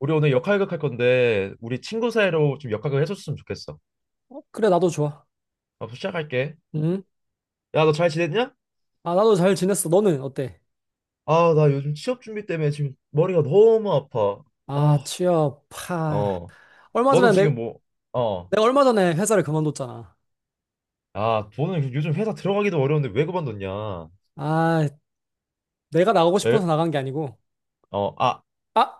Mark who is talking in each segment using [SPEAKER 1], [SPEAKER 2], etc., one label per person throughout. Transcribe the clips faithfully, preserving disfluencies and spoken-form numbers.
[SPEAKER 1] 우리 오늘 역할극 할 건데 우리 친구 사이로 좀 역할극 해줬으면 좋겠어.
[SPEAKER 2] 그래, 나도 좋아.
[SPEAKER 1] 아, 시작할게.
[SPEAKER 2] 응?
[SPEAKER 1] 야, 너 잘 지냈냐?
[SPEAKER 2] 아, 나도 잘 지냈어. 너는 어때?
[SPEAKER 1] 아, 나 요즘 취업 준비 때문에 지금 머리가 너무 아파.
[SPEAKER 2] 아,
[SPEAKER 1] 아,
[SPEAKER 2] 취업, 파.
[SPEAKER 1] 어.
[SPEAKER 2] 얼마
[SPEAKER 1] 너는
[SPEAKER 2] 전에 내,
[SPEAKER 1] 지금 뭐, 어.
[SPEAKER 2] 내가 얼마 전에 회사를 그만뒀잖아.
[SPEAKER 1] 아, 너는 요즘 회사 들어가기도 어려운데 왜 그만뒀냐?
[SPEAKER 2] 아, 내가 나가고
[SPEAKER 1] 왜?
[SPEAKER 2] 싶어서 나간 게 아니고.
[SPEAKER 1] 어, 아,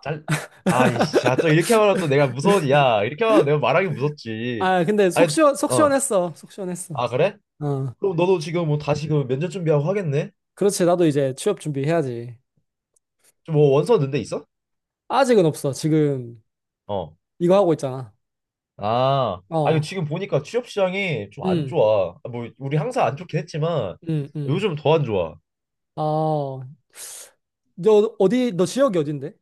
[SPEAKER 1] 잘. 아, 이씨, 야, 또 이렇게 말하면 또 내가 무서워지. 야, 이렇게 말하면 내가 말하기 무섭지.
[SPEAKER 2] 아, 근데 속
[SPEAKER 1] 아니,
[SPEAKER 2] 시원, 속
[SPEAKER 1] 어.
[SPEAKER 2] 시원했어. 속 시원했어.
[SPEAKER 1] 아, 그래?
[SPEAKER 2] 어,
[SPEAKER 1] 그럼 너도 지금 뭐 다시 그 면접 준비하고 하겠네?
[SPEAKER 2] 그렇지. 나도 이제 취업 준비해야지.
[SPEAKER 1] 좀 뭐 원서 넣은 데 있어?
[SPEAKER 2] 아직은 없어. 지금
[SPEAKER 1] 어.
[SPEAKER 2] 이거 하고 있잖아.
[SPEAKER 1] 아, 아니
[SPEAKER 2] 어,
[SPEAKER 1] 지금 보니까 취업 시장이 좀 안
[SPEAKER 2] 응,
[SPEAKER 1] 좋아. 아, 뭐 우리 항상 안 좋긴 했지만
[SPEAKER 2] 응, 응.
[SPEAKER 1] 요즘 더 안 좋아.
[SPEAKER 2] 어, 너 어디, 너 지역이 어딘데?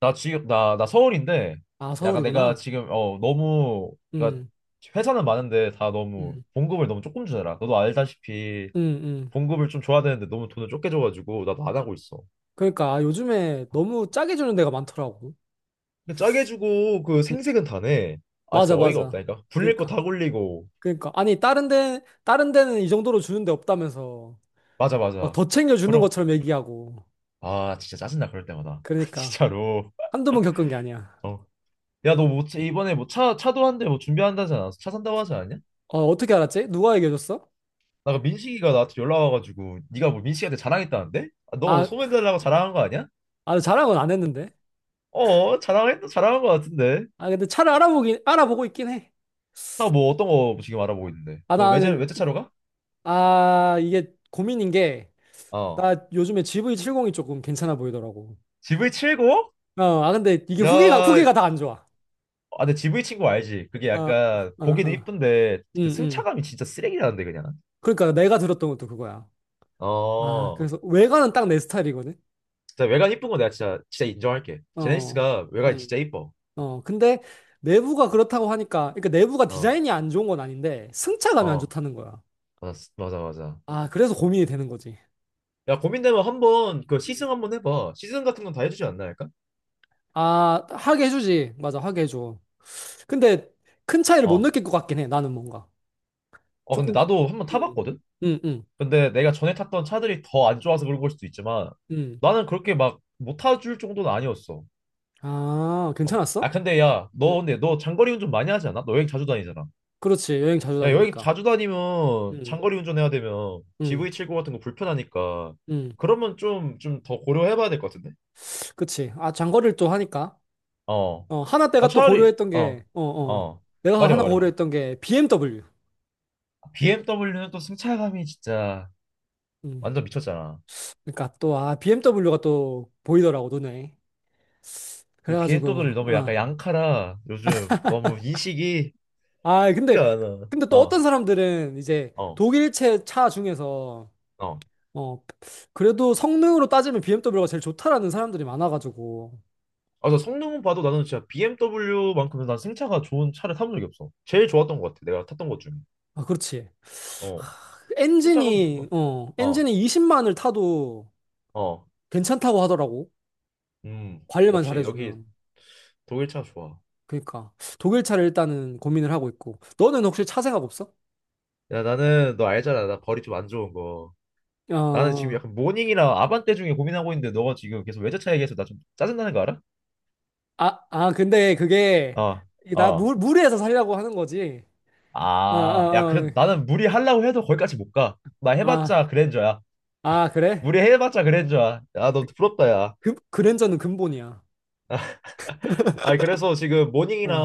[SPEAKER 1] 나 지금 나 나 서울인데
[SPEAKER 2] 아,
[SPEAKER 1] 약간 내가
[SPEAKER 2] 서울이구나.
[SPEAKER 1] 지금 어 너무 그러니까
[SPEAKER 2] 응,
[SPEAKER 1] 회사는 많은데 다 너무
[SPEAKER 2] 응,
[SPEAKER 1] 봉급을 너무 조금 주더라. 너도 알다시피
[SPEAKER 2] 응, 응.
[SPEAKER 1] 봉급을 좀 줘야 되는데 너무 돈을 적게 줘가지고 나도 안 하고 있어.
[SPEAKER 2] 그러니까 아, 요즘에 너무 짜게 주는 데가 많더라고.
[SPEAKER 1] 근데 짜게 주고 그
[SPEAKER 2] 음,
[SPEAKER 1] 생색은 다네. 아,
[SPEAKER 2] 맞아,
[SPEAKER 1] 진짜 어이가
[SPEAKER 2] 맞아.
[SPEAKER 1] 없다니까. 굴릴 거
[SPEAKER 2] 그러니까,
[SPEAKER 1] 다 굴리고.
[SPEAKER 2] 그러니까. 아니, 다른 데, 다른 데는 이 정도로 주는 데 없다면서.
[SPEAKER 1] 맞아
[SPEAKER 2] 막
[SPEAKER 1] 맞아.
[SPEAKER 2] 더 챙겨주는
[SPEAKER 1] 그럼
[SPEAKER 2] 것처럼 얘기하고.
[SPEAKER 1] 아, 진짜 짜증나 그럴 때마다
[SPEAKER 2] 그러니까.
[SPEAKER 1] 진짜로.
[SPEAKER 2] 한두 번 겪은 게 아니야.
[SPEAKER 1] 어. 야, 너 뭐, 차- 이번에 뭐 차, 차도 한대 뭐 준비한다지 않았어? 차 산다고 하지 않았냐?
[SPEAKER 2] 어, 어떻게 알았지? 누가 얘기해줬어?
[SPEAKER 1] 나그 민식이가 나한테 연락 와가지고, 네가 뭐 민식이한테 자랑했다는데? 아, 너
[SPEAKER 2] 아,
[SPEAKER 1] 소문 달라고 자랑한 거 아니야?
[SPEAKER 2] 아, 자랑은 안 했는데.
[SPEAKER 1] 어, 자랑했다, 자랑한 거 같은데.
[SPEAKER 2] 아, 근데 차를 알아보긴, 알아보고 있긴 해.
[SPEAKER 1] 나 뭐 어떤 거 지금 알아보고 있는데.
[SPEAKER 2] 아,
[SPEAKER 1] 너 외제,
[SPEAKER 2] 나는,
[SPEAKER 1] 외제차로 가?
[SPEAKER 2] 아, 이게 고민인 게,
[SPEAKER 1] 어.
[SPEAKER 2] 나 요즘에 지브이 칠십이 조금 괜찮아 보이더라고.
[SPEAKER 1] 지 브이 칠십?
[SPEAKER 2] 어, 아, 근데 이게
[SPEAKER 1] 야,
[SPEAKER 2] 후기가,
[SPEAKER 1] 아,
[SPEAKER 2] 후기가 다 안 좋아.
[SPEAKER 1] 근데 지 브이 친구 알지? 그게
[SPEAKER 2] 아,
[SPEAKER 1] 약간,
[SPEAKER 2] 아,
[SPEAKER 1] 보기는
[SPEAKER 2] 아.
[SPEAKER 1] 이쁜데, 그
[SPEAKER 2] 응, 응.
[SPEAKER 1] 승차감이 진짜 쓰레기라는데, 그냥.
[SPEAKER 2] 그러니까 내가 들었던 것도 그거야. 아,
[SPEAKER 1] 어.
[SPEAKER 2] 그래서 외관은 딱 내 스타일이거든.
[SPEAKER 1] 진짜 외관 이쁜 거 내가 진짜, 진짜 인정할게.
[SPEAKER 2] 어,
[SPEAKER 1] 제네시스가 외관이
[SPEAKER 2] 음,
[SPEAKER 1] 진짜 이뻐.
[SPEAKER 2] 어. 근데 내부가 그렇다고 하니까, 그러니까 내부가
[SPEAKER 1] 어,
[SPEAKER 2] 디자인이 안 좋은 건 아닌데 승차감이 안
[SPEAKER 1] 어.
[SPEAKER 2] 좋다는 거야.
[SPEAKER 1] 맞아, 맞아, 맞아.
[SPEAKER 2] 아, 그래서 고민이 되는 거지.
[SPEAKER 1] 야, 고민되면 한번 그
[SPEAKER 2] 음.
[SPEAKER 1] 시승 한번 해봐. 시승 같은 건 다 해주지 않나 할까?
[SPEAKER 2] 아, 하게 해주지. 맞아, 하게 해줘. 근데 큰 차이를 못
[SPEAKER 1] 어.
[SPEAKER 2] 느낄 것 같긴 해. 나는 뭔가
[SPEAKER 1] 어, 근데
[SPEAKER 2] 조금,
[SPEAKER 1] 나도 한번
[SPEAKER 2] 음,
[SPEAKER 1] 타봤거든?
[SPEAKER 2] 음, 음,
[SPEAKER 1] 근데 내가 전에 탔던 차들이 더 안 좋아서 그런 걸 수도 있지만
[SPEAKER 2] 음.
[SPEAKER 1] 나는 그렇게 막 못 타줄 정도는 아니었어.
[SPEAKER 2] 아,
[SPEAKER 1] 어. 아,
[SPEAKER 2] 괜찮았어?
[SPEAKER 1] 근데 야, 너
[SPEAKER 2] 음,
[SPEAKER 1] 근데 너 장거리 운전 많이 하지 않아? 너 여행 자주 다니잖아.
[SPEAKER 2] 그렇지. 여행 자주
[SPEAKER 1] 야, 여행
[SPEAKER 2] 다니니까.
[SPEAKER 1] 자주 다니면
[SPEAKER 2] 음,
[SPEAKER 1] 장거리 운전해야 되면 g
[SPEAKER 2] 음,
[SPEAKER 1] v 칠십 구 같은 거 불편하니까
[SPEAKER 2] 음.
[SPEAKER 1] 그러면 좀, 좀 더 고려해봐야 될 것 같은데?
[SPEAKER 2] 그치. 아, 장거리를 또 하니까.
[SPEAKER 1] 어.
[SPEAKER 2] 어, 하나
[SPEAKER 1] 야,
[SPEAKER 2] 내가 또
[SPEAKER 1] 차라리,
[SPEAKER 2] 고려했던
[SPEAKER 1] 어,
[SPEAKER 2] 게, 어, 어,
[SPEAKER 1] 어.
[SPEAKER 2] 내가
[SPEAKER 1] 말해봐,
[SPEAKER 2] 하나
[SPEAKER 1] 말해봐.
[SPEAKER 2] 고려했던 게 비엠더블유.
[SPEAKER 1] 비 엠 더블유는 또 승차감이 진짜.
[SPEAKER 2] 음,
[SPEAKER 1] 완전 미쳤잖아.
[SPEAKER 2] 그러니까 또, 아, 비엠더블유가 또 보이더라고, 눈에.
[SPEAKER 1] 근데 비엔또
[SPEAKER 2] 그래가지고,
[SPEAKER 1] 들이 너무
[SPEAKER 2] 어.
[SPEAKER 1] 약간 양카라 요즘 너무 인식이
[SPEAKER 2] 아, 근데,
[SPEAKER 1] 티가 안 나.
[SPEAKER 2] 근데 또
[SPEAKER 1] 어,
[SPEAKER 2] 어떤 사람들은 이제
[SPEAKER 1] 어,
[SPEAKER 2] 독일체 차 중에서,
[SPEAKER 1] 어.
[SPEAKER 2] 어, 그래도 성능으로 따지면 비엠더블유가 제일 좋다라는 사람들이 많아가지고.
[SPEAKER 1] 아, 나 성능은 봐도 나는 진짜 비 엠 더블유만큼은 난 승차가 좋은 차를 타본 적이 없어. 제일 좋았던 것 같아. 내가 탔던 것 중에.
[SPEAKER 2] 아, 그렇지.
[SPEAKER 1] 어,
[SPEAKER 2] 그
[SPEAKER 1] 승차감도
[SPEAKER 2] 엔진이,
[SPEAKER 1] 좋고.
[SPEAKER 2] 어,
[SPEAKER 1] 어,
[SPEAKER 2] 엔진이 이십만을 타도
[SPEAKER 1] 어,
[SPEAKER 2] 괜찮다고 하더라고.
[SPEAKER 1] 음,
[SPEAKER 2] 관리만
[SPEAKER 1] 역시 여기
[SPEAKER 2] 잘해주면.
[SPEAKER 1] 독일 차 좋아.
[SPEAKER 2] 그러니까 독일 차를 일단은 고민을 하고 있고 너는 혹시 차 생각 없어?
[SPEAKER 1] 야, 나는 너
[SPEAKER 2] 음.
[SPEAKER 1] 알잖아. 나 벌이 좀 안 좋은 거. 나는 지금
[SPEAKER 2] 어,
[SPEAKER 1] 약간 모닝이랑 아반떼 중에 고민하고 있는데 너가 지금 계속 외제차 얘기해서 나 좀 짜증나는 거 알아?
[SPEAKER 2] 아, 아, 근데 그게
[SPEAKER 1] 어,
[SPEAKER 2] 나
[SPEAKER 1] 어.
[SPEAKER 2] 무, 무리해서 살려고 하는 거지. 아,
[SPEAKER 1] 아, 야,
[SPEAKER 2] 아,
[SPEAKER 1] 그래도 나는 무리하려고 해도 거기까지 못 가. 나
[SPEAKER 2] 아, 아,
[SPEAKER 1] 해봤자 그랜저야.
[SPEAKER 2] 아, 그래?
[SPEAKER 1] 무리해봤자 그랜저야. 야, 너 부럽다, 야.
[SPEAKER 2] 그, 그랜저는 근본이야.
[SPEAKER 1] 아니, 그래서 지금
[SPEAKER 2] 어,
[SPEAKER 1] 모닝이랑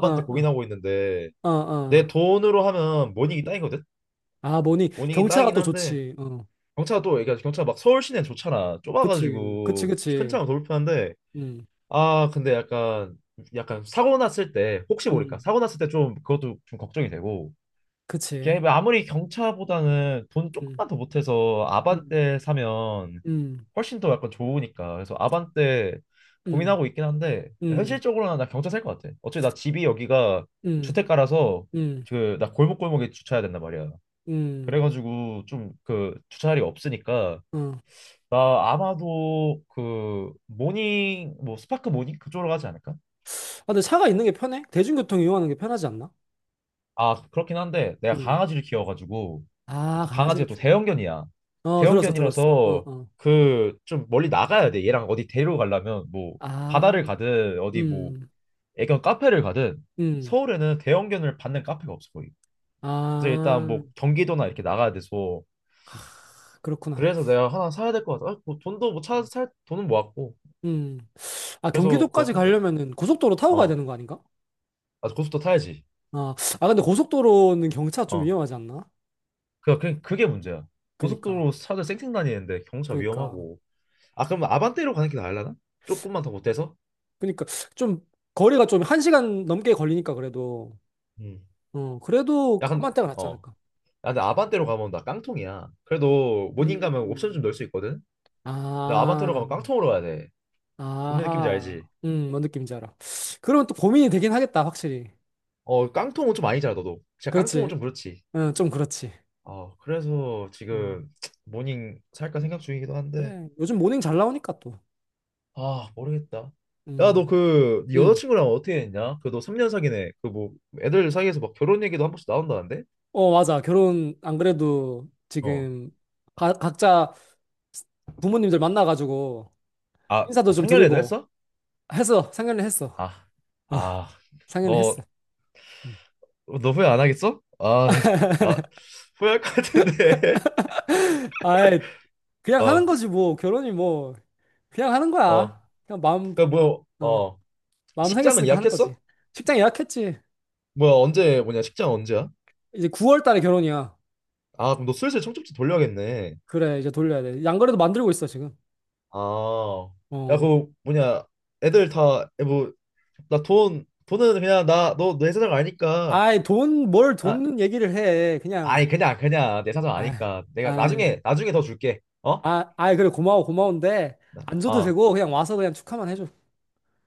[SPEAKER 2] 어, 어,
[SPEAKER 1] 고민하고 있는데,
[SPEAKER 2] 어,
[SPEAKER 1] 내
[SPEAKER 2] 어.
[SPEAKER 1] 돈으로 하면 모닝이 땅이거든?
[SPEAKER 2] 아, 뭐니?
[SPEAKER 1] 모닝이
[SPEAKER 2] 경차가
[SPEAKER 1] 땅이긴
[SPEAKER 2] 또
[SPEAKER 1] 한데,
[SPEAKER 2] 좋지. 어,
[SPEAKER 1] 경차가 또, 그러니까 경차가 막 서울 시내는 좋잖아.
[SPEAKER 2] 그치, 그치,
[SPEAKER 1] 좁아가지고, 큰
[SPEAKER 2] 그치.
[SPEAKER 1] 차가 더 불편한데,
[SPEAKER 2] 음,
[SPEAKER 1] 아, 근데 약간, 약간 사고 났을 때, 혹시 모를까?
[SPEAKER 2] 음,
[SPEAKER 1] 사고 났을 때 좀, 그것도 좀 걱정이 되고, 걔
[SPEAKER 2] 그치.
[SPEAKER 1] 아무리 경차보다는 돈
[SPEAKER 2] 음,
[SPEAKER 1] 조금만 더 못해서
[SPEAKER 2] 음,
[SPEAKER 1] 아반떼 사면
[SPEAKER 2] 음,
[SPEAKER 1] 훨씬 더 약간 좋으니까. 그래서 아반떼
[SPEAKER 2] 음,
[SPEAKER 1] 고민하고 있긴 한데
[SPEAKER 2] 음,
[SPEAKER 1] 현실적으로는 나 경차 살 것 같아. 어차피 나 집이 여기가
[SPEAKER 2] 음,
[SPEAKER 1] 주택가라서
[SPEAKER 2] 음,
[SPEAKER 1] 그 나 골목골목에 주차해야 된단 말이야.
[SPEAKER 2] 음,
[SPEAKER 1] 그래가지고 좀 그 주차 자리가 없으니까
[SPEAKER 2] 음.
[SPEAKER 1] 나 아마도 그 모닝 뭐 스파크 모닝 그쪽으로 가지 않을까?
[SPEAKER 2] 아, 근데 차가 있는 게 편해? 대중교통 이용하는 게 편하지 않나?
[SPEAKER 1] 아, 그렇긴 한데 내가
[SPEAKER 2] 음.
[SPEAKER 1] 강아지를 키워가지고
[SPEAKER 2] 아,
[SPEAKER 1] 또
[SPEAKER 2] 강아지를
[SPEAKER 1] 강아지가 또
[SPEAKER 2] 키우.
[SPEAKER 1] 대형견이야.
[SPEAKER 2] 어, 들었어, 들었어.
[SPEAKER 1] 대형견이라서
[SPEAKER 2] 어, 어.
[SPEAKER 1] 그 좀 멀리 나가야 돼. 얘랑 어디 데리러 가려면 뭐 바다를
[SPEAKER 2] 아,
[SPEAKER 1] 가든 어디 뭐
[SPEAKER 2] 음,
[SPEAKER 1] 애견 카페를 가든
[SPEAKER 2] 음.
[SPEAKER 1] 서울에는 대형견을 받는 카페가 없어 거의. 그래서 일단
[SPEAKER 2] 아,
[SPEAKER 1] 뭐 경기도나 이렇게 나가야 돼서
[SPEAKER 2] 그렇구나.
[SPEAKER 1] 그래서 내가 하나 사야 될 것 같아. 아, 뭐 돈도 뭐 차 살 돈은 모았고
[SPEAKER 2] 음. 아,
[SPEAKER 1] 그래서 그거
[SPEAKER 2] 경기도까지
[SPEAKER 1] 살 것 같아.
[SPEAKER 2] 가려면은 고속도로 타고 가야
[SPEAKER 1] 어,
[SPEAKER 2] 되는 거 아닌가?
[SPEAKER 1] 아, 고속도로 타야지.
[SPEAKER 2] 아, 아, 근데 고속도로는 경차 좀
[SPEAKER 1] 어,
[SPEAKER 2] 위험하지 않나?
[SPEAKER 1] 그 그- 그게 문제야.
[SPEAKER 2] 그니까,
[SPEAKER 1] 고속도로 차들 쌩쌩 다니는데 경차
[SPEAKER 2] 그니까,
[SPEAKER 1] 위험하고. 아, 그럼 아반떼로 가는 게 나을라나? 조금만 더 못해서?
[SPEAKER 2] 그니까. 좀, 거리가 좀 한 시간 넘게 걸리니까 그래도,
[SPEAKER 1] 음.
[SPEAKER 2] 어, 그래도
[SPEAKER 1] 야 근데
[SPEAKER 2] 까만 때가 낫지
[SPEAKER 1] 어.
[SPEAKER 2] 않을까?
[SPEAKER 1] 야, 근데 아반떼로 가면 나 깡통이야. 그래도 모닝 가면 옵션 좀
[SPEAKER 2] 음,
[SPEAKER 1] 넣을 수 있거든. 근데 아반떼로
[SPEAKER 2] 아.
[SPEAKER 1] 가면 깡통으로 가야 돼. 무슨 느낌인지
[SPEAKER 2] 아하.
[SPEAKER 1] 알지?
[SPEAKER 2] 음, 뭔 느낌인지 알아. 그러면 또 고민이 되긴 하겠다, 확실히.
[SPEAKER 1] 어, 깡통은 좀 아니잖아, 너도. 진짜 깡통은
[SPEAKER 2] 그렇지.
[SPEAKER 1] 좀 그렇지.
[SPEAKER 2] 응, 좀 그렇지.
[SPEAKER 1] 아, 그래서
[SPEAKER 2] 음.
[SPEAKER 1] 지금 모닝 살까
[SPEAKER 2] 네.
[SPEAKER 1] 생각 중이기도 한데,
[SPEAKER 2] 그래. 요즘 모닝 잘 나오니까 또.
[SPEAKER 1] 아, 모르겠다. 야, 너
[SPEAKER 2] 음.
[SPEAKER 1] 그, 네
[SPEAKER 2] 음.
[SPEAKER 1] 여자친구랑 어떻게 했냐? 그 너 삼 년 사귀네. 그 뭐, 애들 사이에서 막 결혼 얘기도 한 번씩 나온다는데?
[SPEAKER 2] 어, 맞아. 결혼 안 그래도
[SPEAKER 1] 어.
[SPEAKER 2] 지금 가- 각자 부모님들 만나가지고
[SPEAKER 1] 아,
[SPEAKER 2] 인사도
[SPEAKER 1] 아,
[SPEAKER 2] 좀
[SPEAKER 1] 상견례도
[SPEAKER 2] 드리고
[SPEAKER 1] 했어?
[SPEAKER 2] 해서 상견례 했어.
[SPEAKER 1] 아,
[SPEAKER 2] 어,
[SPEAKER 1] 아,
[SPEAKER 2] 상견례
[SPEAKER 1] 너,
[SPEAKER 2] 했어. 음.
[SPEAKER 1] 너 후회 안 하겠어? 아, 나 후회할 것 같은데.
[SPEAKER 2] 아이, 그냥
[SPEAKER 1] 어,
[SPEAKER 2] 하는 거지 뭐. 결혼이 뭐 그냥 하는
[SPEAKER 1] 어.
[SPEAKER 2] 거야. 그냥 마음
[SPEAKER 1] 그, 뭐,
[SPEAKER 2] 어,
[SPEAKER 1] 어.
[SPEAKER 2] 마음
[SPEAKER 1] 식장은
[SPEAKER 2] 생겼으니까 하는
[SPEAKER 1] 예약했어?
[SPEAKER 2] 거지. 식장 예약했지.
[SPEAKER 1] 뭐야, 언제, 뭐냐, 식장 언제야?
[SPEAKER 2] 이제 구월 달에 결혼이야.
[SPEAKER 1] 아, 그럼 너 슬슬 청첩지 돌려야겠네.
[SPEAKER 2] 그래, 이제 돌려야 돼. 양거래도 만들고 있어, 지금.
[SPEAKER 1] 아, 야,
[SPEAKER 2] 어.
[SPEAKER 1] 그 뭐냐, 애들 다 뭐 나 돈, 돈은 그냥 나 너 내 사정 아니까.
[SPEAKER 2] 아이, 돈, 뭘
[SPEAKER 1] 아,
[SPEAKER 2] 돈 얘기를 해. 그냥,
[SPEAKER 1] 아니 그냥 그냥 내 사정
[SPEAKER 2] 아,
[SPEAKER 1] 아니까. 내가
[SPEAKER 2] 아,
[SPEAKER 1] 나중에 나중에 더 줄게. 어?
[SPEAKER 2] 아, 아, 그래, 고마워, 고마운데, 안 줘도
[SPEAKER 1] 어.
[SPEAKER 2] 되고, 그냥 와서 그냥 축하만 해줘.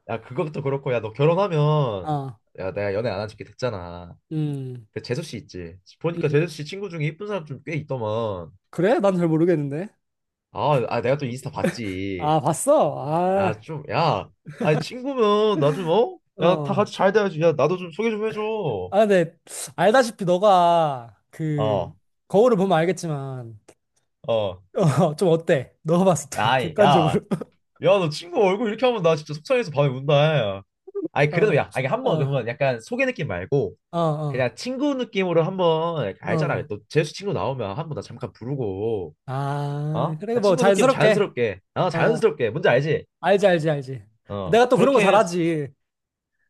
[SPEAKER 1] 야, 그것도 그렇고 야, 너 결혼하면
[SPEAKER 2] 아,
[SPEAKER 1] 야, 내가 연애 안 한 지 꽤 됐잖아.
[SPEAKER 2] 음,
[SPEAKER 1] 그 재수 씨 있지?
[SPEAKER 2] 음.
[SPEAKER 1] 보니까 재수 씨 친구 중에 이쁜 사람 좀 꽤 있더만.
[SPEAKER 2] 그래? 난 잘 모르겠는데.
[SPEAKER 1] 아, 아, 내가 또 인스타 봤지.
[SPEAKER 2] 아, 봤어?
[SPEAKER 1] 야,
[SPEAKER 2] 아,
[SPEAKER 1] 좀, 야. 아니, 친구면 나 좀, 어? 야, 다
[SPEAKER 2] 어.
[SPEAKER 1] 같이 잘 돼야지. 야, 나도 좀 소개 좀 해줘.
[SPEAKER 2] 아, 근데, 알다시피 너가, 그,
[SPEAKER 1] 어,
[SPEAKER 2] 거울을 보면 알겠지만,
[SPEAKER 1] 어.
[SPEAKER 2] 어, 좀 어때? 너가 봤을 때,
[SPEAKER 1] 야, 이 야.
[SPEAKER 2] 객관적으로.
[SPEAKER 1] 야, 너 친구 얼굴 이렇게 하면 나 진짜 속상해서 밤에 운다. 아니, 그래도
[SPEAKER 2] 어,
[SPEAKER 1] 야, 아니, 한번
[SPEAKER 2] 어,
[SPEAKER 1] 그러면 약간 소개 느낌 말고
[SPEAKER 2] 어, 어.
[SPEAKER 1] 그냥 친구 느낌으로 한번
[SPEAKER 2] 어.
[SPEAKER 1] 알잖아. 너 재수 친구 나오면 한 번 나 잠깐 부르고,
[SPEAKER 2] 아,
[SPEAKER 1] 어?
[SPEAKER 2] 그래,
[SPEAKER 1] 야,
[SPEAKER 2] 뭐,
[SPEAKER 1] 친구 느낌
[SPEAKER 2] 자연스럽게.
[SPEAKER 1] 자연스럽게, 어,
[SPEAKER 2] 아,
[SPEAKER 1] 자연스럽게. 뭔지 알지?
[SPEAKER 2] 알지, 알지, 알지.
[SPEAKER 1] 어,
[SPEAKER 2] 내가 또 그런 거
[SPEAKER 1] 그렇게,
[SPEAKER 2] 잘하지.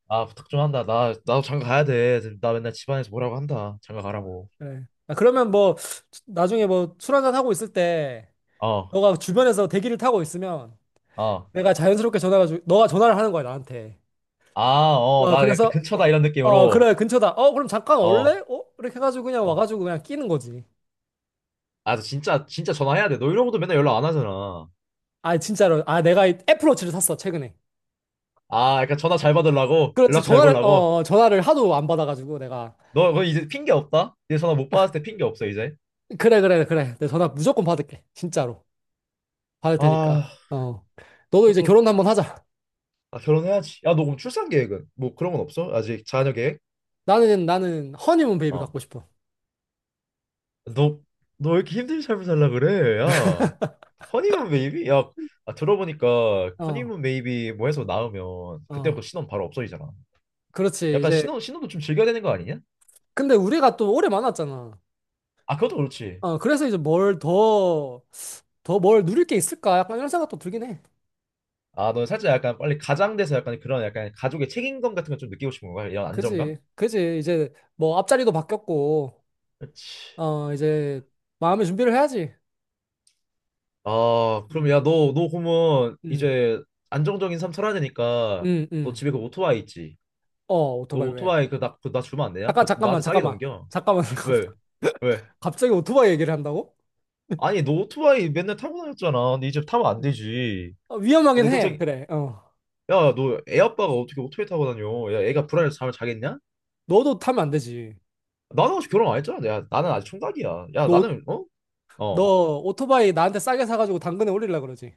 [SPEAKER 1] 아, 부탁 좀 한다. 나, 나도 장가 가야 돼. 나 맨날 집안에서 뭐라고 한다. 장가 가라고.
[SPEAKER 2] 그래. 아, 그러면 뭐, 나중에 뭐, 술 한잔 하고 있을 때,
[SPEAKER 1] 어.
[SPEAKER 2] 너가 주변에서 대기를 타고 있으면,
[SPEAKER 1] 어.
[SPEAKER 2] 내가 자연스럽게 전화가, 주- 너가 전화를 하는 거야, 나한테.
[SPEAKER 1] 아, 어,
[SPEAKER 2] 어,
[SPEAKER 1] 나 약간
[SPEAKER 2] 그래서,
[SPEAKER 1] 근처다 이런
[SPEAKER 2] 어,
[SPEAKER 1] 느낌으로.
[SPEAKER 2] 그래, 근처다. 어, 그럼 잠깐
[SPEAKER 1] 어,
[SPEAKER 2] 올래? 어? 이렇게 해가지고 그냥
[SPEAKER 1] 뭐.
[SPEAKER 2] 와가지고 그냥 끼는 거지.
[SPEAKER 1] 아, 너 진짜, 진짜 전화해야 돼. 너 이러고도 맨날 연락 안 하잖아.
[SPEAKER 2] 아, 진짜로. 아, 내가 이 애플워치를 샀어, 최근에.
[SPEAKER 1] 아, 약간 전화 잘 받으려고?
[SPEAKER 2] 그렇지,
[SPEAKER 1] 연락 잘
[SPEAKER 2] 전화를,
[SPEAKER 1] 보려고?
[SPEAKER 2] 어, 어, 전화를 하도 안 받아가지고 내가.
[SPEAKER 1] 너, 너 이제 핑계 없다? 이제 전화 못 받았을 때 핑계 없어, 이제.
[SPEAKER 2] 그래, 그래, 그래. 내 전화 무조건 받을게, 진짜로. 받을 테니까.
[SPEAKER 1] 아,
[SPEAKER 2] 어. 너도 이제
[SPEAKER 1] 그것도
[SPEAKER 2] 결혼
[SPEAKER 1] 그렇고.
[SPEAKER 2] 한번 하자.
[SPEAKER 1] 아, 결혼해야지. 야, 너 그럼 출산 계획은? 뭐 그런 건 없어? 아직 자녀 계획?
[SPEAKER 2] 나는, 나는 허니문 베이비
[SPEAKER 1] 어.
[SPEAKER 2] 갖고 싶어.
[SPEAKER 1] 너, 너 왜 이렇게 힘든 삶을 살라 그래? 야, 허니문 베이비? 야, 아, 들어보니까
[SPEAKER 2] 어,
[SPEAKER 1] 허니문 베이비 뭐 해서 낳으면
[SPEAKER 2] 어.
[SPEAKER 1] 그때부터 신혼 바로 없어지잖아.
[SPEAKER 2] 그렇지.
[SPEAKER 1] 약간
[SPEAKER 2] 이제,
[SPEAKER 1] 신혼, 신혼도 좀 즐겨야 되는 거 아니냐?
[SPEAKER 2] 근데 우리가 또 오래 만났잖아.
[SPEAKER 1] 아, 그것도 그렇지.
[SPEAKER 2] 어, 그래서 이제 뭘 더, 더 뭘 누릴 게 있을까? 약간 이런 생각도 들긴 해.
[SPEAKER 1] 아, 넌 살짝 약간 빨리 가장돼서 약간 그런 약간 가족의 책임감 같은 걸 좀 느끼고 싶은 건가? 이런 안정감?
[SPEAKER 2] 그지. 그지. 이제 뭐 앞자리도 바뀌었고,
[SPEAKER 1] 그렇지.
[SPEAKER 2] 어, 이제 마음의 준비를 해야지.
[SPEAKER 1] 아, 그럼
[SPEAKER 2] 음,
[SPEAKER 1] 야, 너, 너 그러면
[SPEAKER 2] 음,
[SPEAKER 1] 이제 안정적인 삶 살아야 되니까
[SPEAKER 2] 음,
[SPEAKER 1] 너
[SPEAKER 2] 음.
[SPEAKER 1] 집에 그 오토바이 있지?
[SPEAKER 2] 어,
[SPEAKER 1] 너
[SPEAKER 2] 오토바이 왜?
[SPEAKER 1] 오토바이 그 나, 그나 주면 안 되냐?
[SPEAKER 2] 잠깐,
[SPEAKER 1] 그거 좀
[SPEAKER 2] 잠깐만,
[SPEAKER 1] 나한테 싸게
[SPEAKER 2] 잠깐만.
[SPEAKER 1] 넘겨.
[SPEAKER 2] 잠깐만, 잠깐만.
[SPEAKER 1] 왜? 왜?
[SPEAKER 2] 갑자기 오토바이 얘기를 한다고?
[SPEAKER 1] 아니, 너 오토바이 맨날 타고 다녔잖아. 근데 이제 타면 안 되지.
[SPEAKER 2] 어,
[SPEAKER 1] 어,
[SPEAKER 2] 위험하긴
[SPEAKER 1] 내
[SPEAKER 2] 해.
[SPEAKER 1] 동생,
[SPEAKER 2] 그래. 어.
[SPEAKER 1] 야, 너 애 아빠가 어떻게 오토바이 타고 다녀? 야, 애가 불안해서 잠을 자겠냐?
[SPEAKER 2] 너도 타면 안 되지.
[SPEAKER 1] 나는 아직 결혼 안 했잖아. 야, 나는 아직 총각이야. 야,
[SPEAKER 2] 너, 오-
[SPEAKER 1] 나는, 어? 어.
[SPEAKER 2] 너 오토바이 나한테 싸게 사가지고 당근에 올리려고 그러지.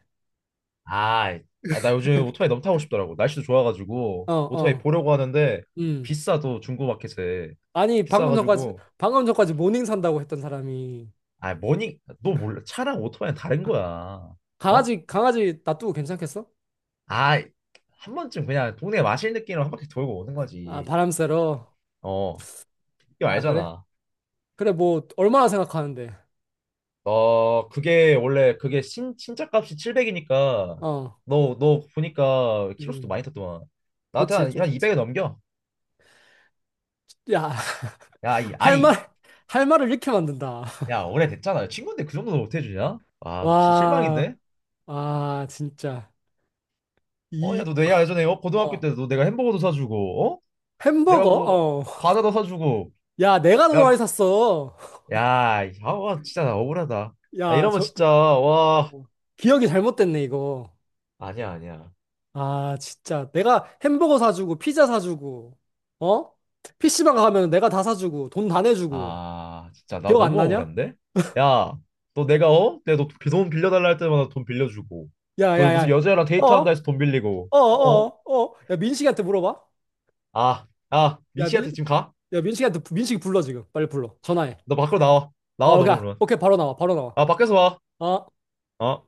[SPEAKER 1] 아, 아, 나 요즘 오토바이 너무 타고 싶더라고. 날씨도 좋아가지고
[SPEAKER 2] 어,
[SPEAKER 1] 오토바이
[SPEAKER 2] 어.
[SPEAKER 1] 보려고 하는데
[SPEAKER 2] 음.
[SPEAKER 1] 비싸도 중고마켓에
[SPEAKER 2] 아니, 방금 전까지,
[SPEAKER 1] 비싸가지고
[SPEAKER 2] 방금 전까지 모닝 산다고 했던 사람이
[SPEAKER 1] 아, 뭐니, 너 몰라 차랑 오토바이는 다른 거야. 어?
[SPEAKER 2] 강아지, 강아지 놔두고 괜찮겠어?
[SPEAKER 1] 아, 한 번쯤 그냥 동네 마실 느낌으로 한 바퀴 돌고 오는
[SPEAKER 2] 아,
[SPEAKER 1] 거지.
[SPEAKER 2] 바람 쐬러.
[SPEAKER 1] 어, 이거
[SPEAKER 2] 아, 그래?
[SPEAKER 1] 알잖아.
[SPEAKER 2] 그래, 뭐, 얼마나 생각하는데.
[SPEAKER 1] 어, 그게 원래 그게 신 신차 값이 칠백이니까
[SPEAKER 2] 어,
[SPEAKER 1] 너 너 보니까 키로수도
[SPEAKER 2] 음.
[SPEAKER 1] 많이 탔더만 나한테
[SPEAKER 2] 그렇지,
[SPEAKER 1] 한,
[SPEAKER 2] 좀
[SPEAKER 1] 한 이백에
[SPEAKER 2] 됐지.
[SPEAKER 1] 넘겨.
[SPEAKER 2] 야,
[SPEAKER 1] 야, 이-
[SPEAKER 2] 할
[SPEAKER 1] 아니
[SPEAKER 2] 말, 할 말을 이렇게 만든다.
[SPEAKER 1] 야, 오래됐잖아. 친구인데 그 정도는 못 해주냐? 아, 너 진짜
[SPEAKER 2] 와,
[SPEAKER 1] 실망인데?
[SPEAKER 2] 아, 진짜.
[SPEAKER 1] 어, 야,
[SPEAKER 2] 이,
[SPEAKER 1] 너 내가 예전에 어, 고등학교
[SPEAKER 2] 어.
[SPEAKER 1] 때도 너 내가 햄버거도 사주고, 어? 내가
[SPEAKER 2] 햄버거?
[SPEAKER 1] 뭐
[SPEAKER 2] 어.
[SPEAKER 1] 과자도 사주고,
[SPEAKER 2] 야, 내가 더 많이
[SPEAKER 1] 야,
[SPEAKER 2] 샀어.
[SPEAKER 1] 야, 이- 아, 와, 진짜 나 억울하다. 나
[SPEAKER 2] 야,
[SPEAKER 1] 이러면
[SPEAKER 2] 저,
[SPEAKER 1] 진짜 와,
[SPEAKER 2] 어, 기억이 잘못됐네, 이거.
[SPEAKER 1] 아니야, 아니야.
[SPEAKER 2] 아, 진짜. 내가 햄버거 사주고, 피자 사주고, 어? 피씨방 가면 내가 다 사주고, 돈 다 내주고.
[SPEAKER 1] 아, 진짜 나
[SPEAKER 2] 기억 안
[SPEAKER 1] 너무
[SPEAKER 2] 나냐?
[SPEAKER 1] 억울한데? 야, 너 내가 어? 내가 너 돈 빌려달라 할 때마다 돈 빌려주고,
[SPEAKER 2] 야,
[SPEAKER 1] 너
[SPEAKER 2] 야, 야.
[SPEAKER 1] 무슨 여자애랑 데이트한다
[SPEAKER 2] 어?
[SPEAKER 1] 해서 돈 빌리고,
[SPEAKER 2] 어,
[SPEAKER 1] 어?
[SPEAKER 2] 어, 어. 야, 민식이한테 물어봐.
[SPEAKER 1] 아, 아,
[SPEAKER 2] 야, 민,
[SPEAKER 1] 민씨한테 지금 가?
[SPEAKER 2] 야, 민식이한테, 민식이 불러, 지금. 빨리 불러. 전화해.
[SPEAKER 1] 너 밖으로 나와, 나와
[SPEAKER 2] 어,
[SPEAKER 1] 너
[SPEAKER 2] 가.
[SPEAKER 1] 그러면.
[SPEAKER 2] 오케이, 바로 나와, 바로 나와.
[SPEAKER 1] 아, 밖에서 와.
[SPEAKER 2] 어?
[SPEAKER 1] 어?